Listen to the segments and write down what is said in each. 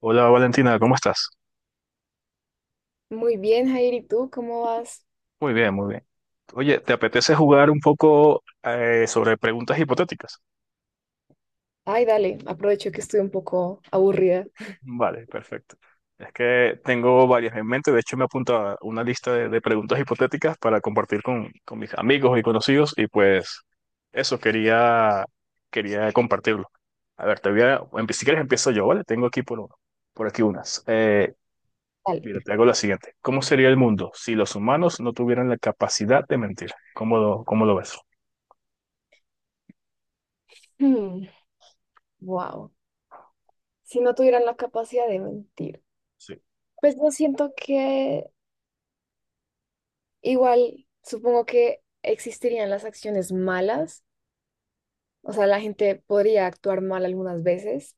Hola Valentina, ¿cómo estás? Muy bien, Jair, ¿y tú cómo vas? Muy bien, muy bien. Oye, ¿te apetece jugar un poco sobre preguntas hipotéticas? Ay, dale, aprovecho que estoy un poco aburrida. Vale, perfecto. Es que tengo varias en mente, de hecho me apunto a una lista de preguntas hipotéticas para compartir con mis amigos y conocidos y pues eso quería, compartirlo. A ver, te si quieres empiezo yo, ¿vale? Tengo aquí por aquí unas. Mira, Dale. te hago la siguiente. ¿Cómo sería el mundo si los humanos no tuvieran la capacidad de mentir? ¿Cómo lo ves? Wow. Si no tuvieran la capacidad de mentir, Sí. pues yo siento que igual, supongo que existirían las acciones malas, o sea, la gente podría actuar mal algunas veces,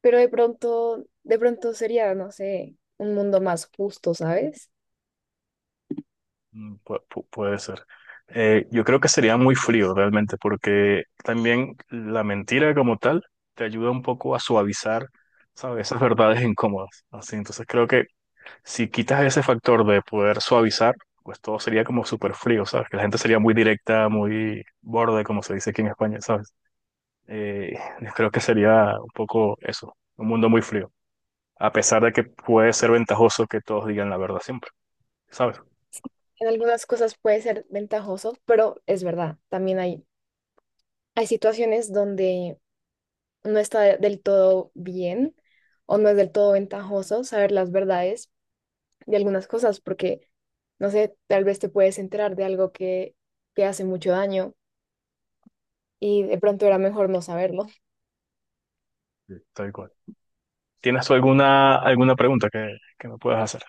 pero de pronto sería, no sé, un mundo más justo, ¿sabes? Puede ser. Yo creo que sería muy frío realmente, porque también la mentira como tal te ayuda un poco a suavizar, ¿sabes? Esas verdades incómodas. Así, entonces creo que si quitas ese factor de poder suavizar, pues todo sería como súper frío, ¿sabes? Que la gente sería muy directa, muy borde, como se dice aquí en España, ¿sabes? Yo creo que sería un poco eso, un mundo muy frío, a pesar de que puede ser ventajoso que todos digan la verdad siempre, ¿sabes? En algunas cosas puede ser ventajoso, pero es verdad, también hay situaciones donde no está del todo bien o no es del todo ventajoso saber las verdades de algunas cosas, porque, no sé, tal vez te puedes enterar de algo que te hace mucho daño y de pronto era mejor no saberlo. Sí. Tal cual. ¿Tienes tú alguna pregunta que me puedas hacer?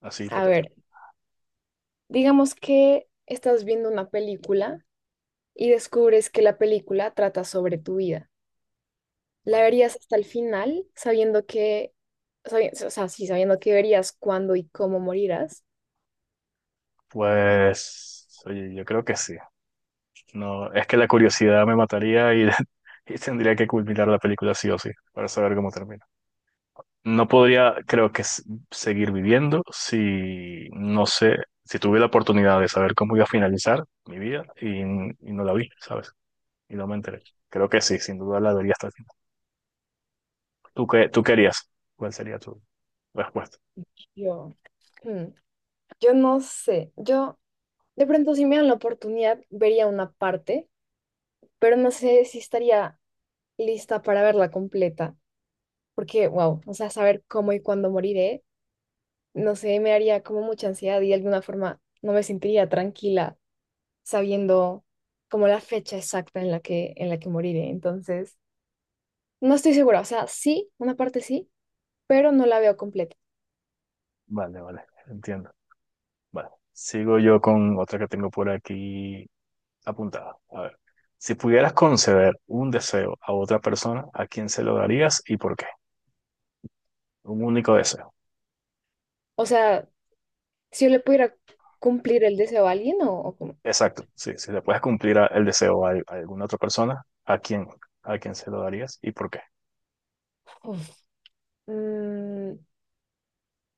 Así A hipotética. ver, digamos que estás viendo una película y descubres que la película trata sobre tu vida. ¿La Vale. verías hasta el final o sea, sí, sabiendo que verías cuándo y cómo morirás? Pues, oye, yo creo que sí. No, es que la curiosidad me mataría y, y tendría que culminar la película sí o sí, para saber cómo termina. No podría, creo que, seguir viviendo si, no sé, si tuve la oportunidad de saber cómo iba a finalizar mi vida y no la vi, ¿sabes? Y no me enteré. Creo que sí, sin duda la vería hasta el final. Tú querías? ¿Cuál sería tu respuesta? Yo, mm, yo no sé, yo. De pronto, si me dan la oportunidad, vería una parte, pero no sé si estaría lista para verla completa, porque, wow, o sea, saber cómo y cuándo moriré, no sé, me haría como mucha ansiedad y de alguna forma no me sentiría tranquila sabiendo como la fecha exacta en la que moriré. Entonces, no estoy segura, o sea, sí, una parte sí, pero no la veo completa. Vale, vale, entiendo. Bueno, sigo yo con otra que tengo por aquí apuntada. A ver, si pudieras conceder un deseo a otra persona, ¿a quién se lo darías y por qué? Un único deseo. O sea, si yo le pudiera cumplir el deseo a alguien o como, Exacto, sí, si le puedes cumplir el deseo a alguna otra persona, ¿a quién? ¿A quién se lo darías y por qué? uf, mm,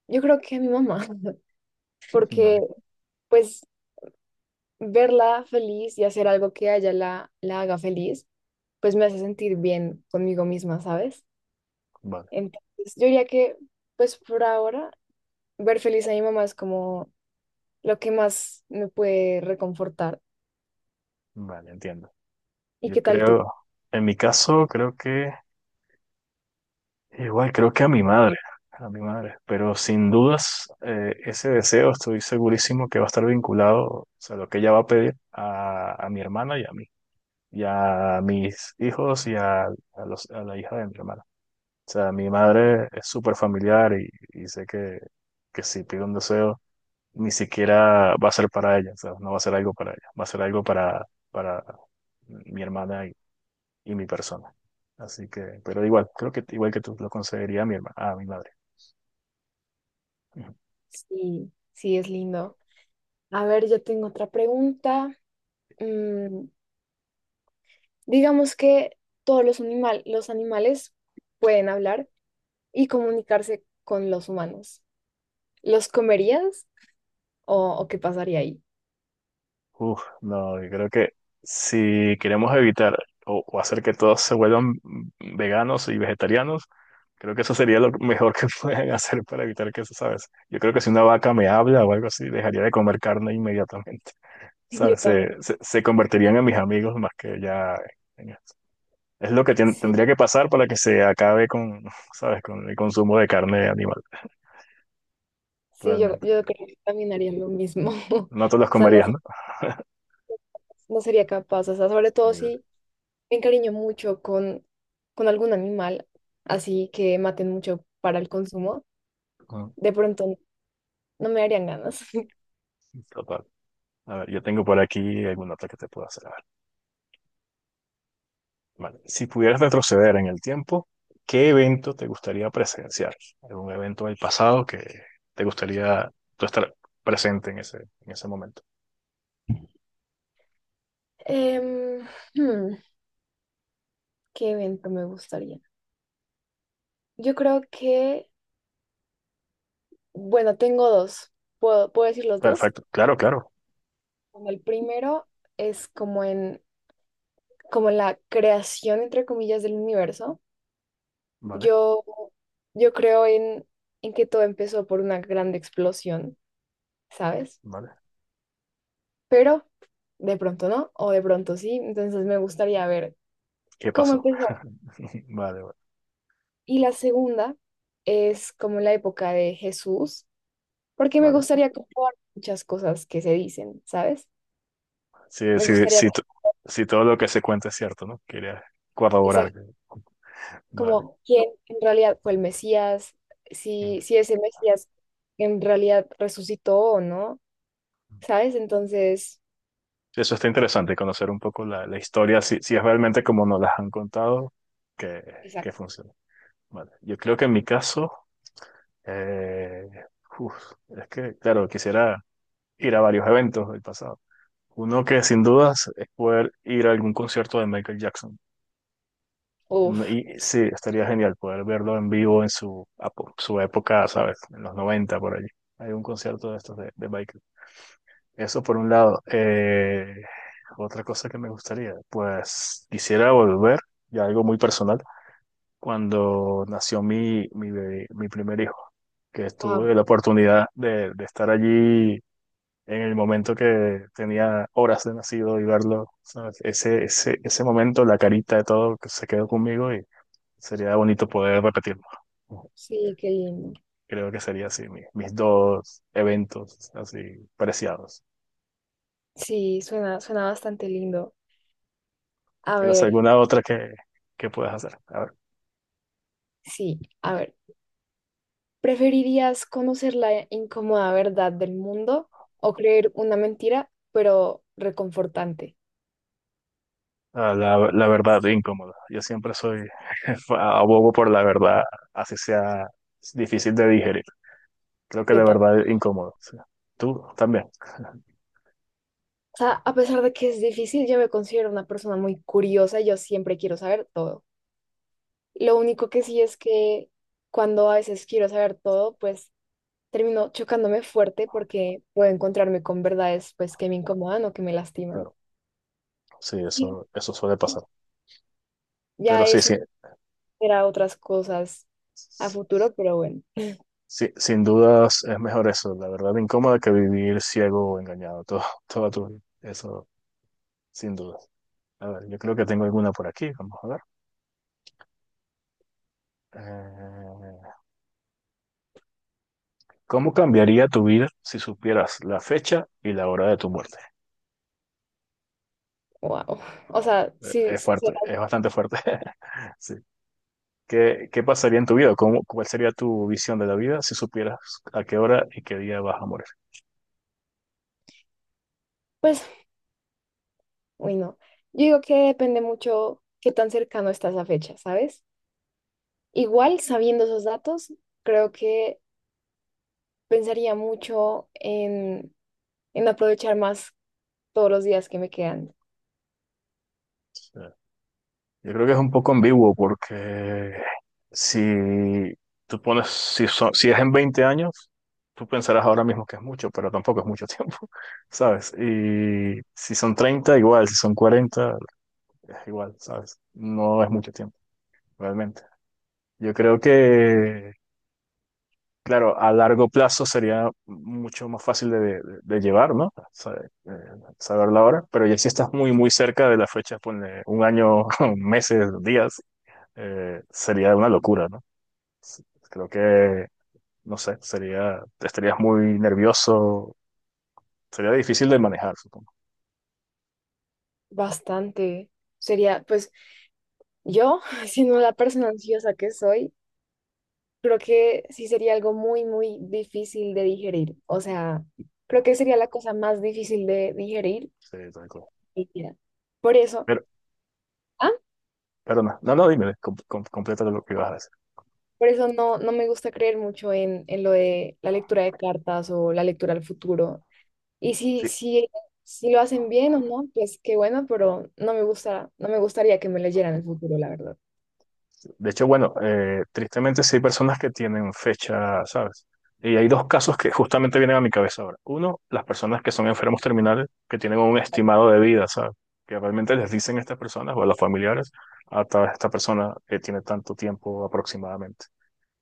yo creo que a mi mamá porque Vale, pues verla feliz y hacer algo que a ella la haga feliz, pues me hace sentir bien conmigo misma, ¿sabes? vale, Entonces, yo diría que, pues por ahora, ver feliz a mi mamá es como lo que más me puede reconfortar. vale, entiendo. ¿Y Yo qué tal tú? creo, en mi caso, creo que igual creo que a mi madre, pero sin dudas ese deseo estoy segurísimo que va a estar vinculado, o sea, lo que ella va a pedir a mi hermana y a mí, y a mis hijos y a la hija de mi hermana. O sea, mi madre es súper familiar y sé que si pide un deseo, ni siquiera va a ser para ella, o sea, no va a ser algo para ella, va a ser algo para mi hermana y mi persona. Así que, pero igual, creo que igual que tú lo conseguiría a mi a mi madre. Sí, sí, es lindo. A ver, yo tengo otra pregunta. Mm, digamos que todos los animales pueden hablar y comunicarse con los humanos. ¿Los comerías o qué pasaría ahí? Uf, no, yo creo que si queremos evitar o hacer que todos se vuelvan veganos y vegetarianos, creo que eso sería lo mejor que pueden hacer para evitar que eso, ¿sabes? Yo creo que si una vaca me habla o algo así, dejaría de comer carne inmediatamente, Yo ¿sabes? también. Se convertirían en mis amigos más que ya en esto. Es lo que Sí, tendría que pasar para que se acabe con, ¿sabes? Con el consumo de carne animal, sí, yo, realmente. yo creo que también haría lo mismo. No te los O sea, no, comerías, ¿no? no sería capaz. O sea, sobre todo Sí. si me encariño mucho con algún animal, así que maten mucho para el consumo, Ujú. de pronto no me darían ganas. Total. A ver, yo tengo por aquí alguna otra que te puedo hacer. A ver, vale. Si pudieras retroceder en el tiempo, ¿qué evento te gustaría presenciar? ¿Algún evento del pasado que te gustaría tú estar presente en en ese momento? Em, hmm, ¿qué evento me gustaría? Yo creo que, bueno, tengo dos. ¿Puedo decir los dos? Perfecto, claro, claro. Bueno, el primero es como en la creación, entre comillas, del universo. Vale, Yo, yo creo en que todo empezó por una grande explosión, ¿sabes? vale. Pero de pronto no, o de pronto sí, entonces me gustaría ver ¿Qué cómo pasó? empezó. Vale, vale. Y la segunda es como la época de Jesús, porque me Vale. gustaría comprobar muchas cosas que se dicen, ¿sabes? Sí, Me sí, gustaría sí, sí, todo lo que se cuenta es cierto, ¿no? Quería pensar corroborar. Vale. como quién en realidad fue el Mesías, si Mm. ese Mesías en realidad resucitó o no, ¿sabes? Entonces, Eso está interesante, conocer un poco la historia, si es realmente como nos las han contado, que, que exacto. funciona. Vale, yo creo que en mi caso, eh, uf, es que, claro, quisiera ir a varios eventos del pasado. Uno que sin dudas es poder ir a algún concierto de Michael Jackson. No- Uf. Y sí, estaría genial poder verlo en vivo en su época, ¿sabes? En los 90 por allí. Hay un concierto de estos de Michael. Eso por un lado. Otra cosa que me gustaría, pues quisiera volver, y algo muy personal, cuando nació mi primer hijo. Que Wow. tuve la oportunidad de estar allí en el momento que tenía horas de nacido y verlo, ¿sabes? Ese momento, la carita de todo que se quedó conmigo y sería bonito poder repetirlo. Sí, qué lindo. Creo que sería así, mis dos eventos así preciados. Sí, suena, suena bastante lindo. A ¿Tienes ver, alguna otra que puedas hacer? A ver. sí, a ver. ¿Preferirías conocer la incómoda verdad del mundo o creer una mentira, pero reconfortante? Ah, la verdad incómoda. Yo siempre soy abogo por la verdad, así sea difícil de digerir. Creo que la Yo ta- verdad es incómodo. Sí. Tú también. O sea, a pesar de que es difícil, yo me considero una persona muy curiosa y yo siempre quiero saber todo. Lo único que sí es que cuando a veces quiero saber todo, pues termino chocándome fuerte porque puedo encontrarme con verdades pues que me incomodan o que me lastiman. Claro, sí, Y eso suele pasar. Pero ya sí, eso sí, era otras cosas a sí, futuro, pero bueno, sí, sin dudas es mejor eso, la verdad incómoda que vivir ciego o engañado toda tu vida. Eso, sin dudas. A ver, yo creo que tengo alguna por aquí, vamos a ver. Eh, ¿cómo cambiaría tu vida si supieras la fecha y la hora de tu muerte? wow. O sea, sí, Es sí, fuerte, es bastante fuerte. Sí. ¿Qué pasaría en tu vida? ¿Cómo, cuál sería tu visión de la vida si supieras a qué hora y qué día vas a morir? pues, uy, no. Yo digo que depende mucho qué tan cercano estás a fecha, ¿sabes? Igual, sabiendo esos datos, creo que pensaría mucho en, aprovechar más todos los días que me quedan. Sí. Yo creo que es un poco ambiguo porque si tú pones, si es en 20 años, tú pensarás ahora mismo que es mucho, pero tampoco es mucho tiempo, ¿sabes? Y si son 30 igual, si son 40 es igual, ¿sabes? No es mucho tiempo, realmente. Yo creo que, claro, a largo plazo sería mucho más fácil de llevar, ¿no? Saber, saber la hora, pero ya si estás muy, muy cerca de la fecha, ponle un año, meses, días. Sería una locura, ¿no? S- Creo que, no sé, sería, estarías muy nervioso, sería difícil de manejar, supongo. Bastante. Sería, pues yo, siendo la persona ansiosa que soy, creo que sí sería algo muy, muy difícil de digerir. O sea, creo que sería la cosa más difícil de digerir Sí, tal cual. en mi vida. Por eso, Pero, ¿ah? pero no, no, no, dime, completa lo que ibas a decir. Por eso no me gusta creer mucho en, lo de la lectura de cartas o la lectura al futuro. Y si, Sí, si, si lo hacen bien o no, pues qué bueno, pero no me gusta, no me gustaría que me leyeran el futuro, la verdad. de hecho, bueno, tristemente sí hay personas que tienen fecha, ¿sabes? Y hay dos casos que justamente vienen a mi cabeza ahora. Uno, las personas que son enfermos terminales, que tienen un estimado de vida, ¿sabes? Que realmente les dicen a estas personas o a los familiares, a esta persona que tiene tanto tiempo aproximadamente.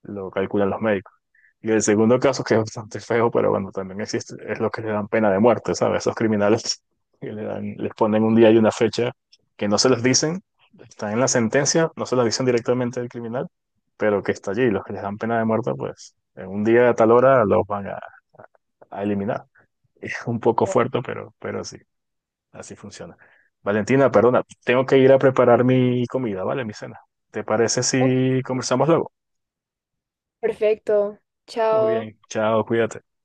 Lo calculan los médicos. Y el segundo caso, que es bastante feo, pero bueno, también existe, es lo que le dan pena de muerte, ¿sabes? Esos criminales que le dan, les ponen un día y una fecha que no se los dicen, están en la sentencia, no se los dicen directamente al criminal, pero que está allí. Los que les dan pena de muerte, pues en un día a tal hora los van a eliminar. Es un poco Como, fuerte, pero sí, así funciona. Valentina, perdona, tengo que ir a preparar mi comida, ¿vale? Mi cena. ¿Te parece Ok, si conversamos luego? perfecto, Muy chao. bien, chao, cuídate.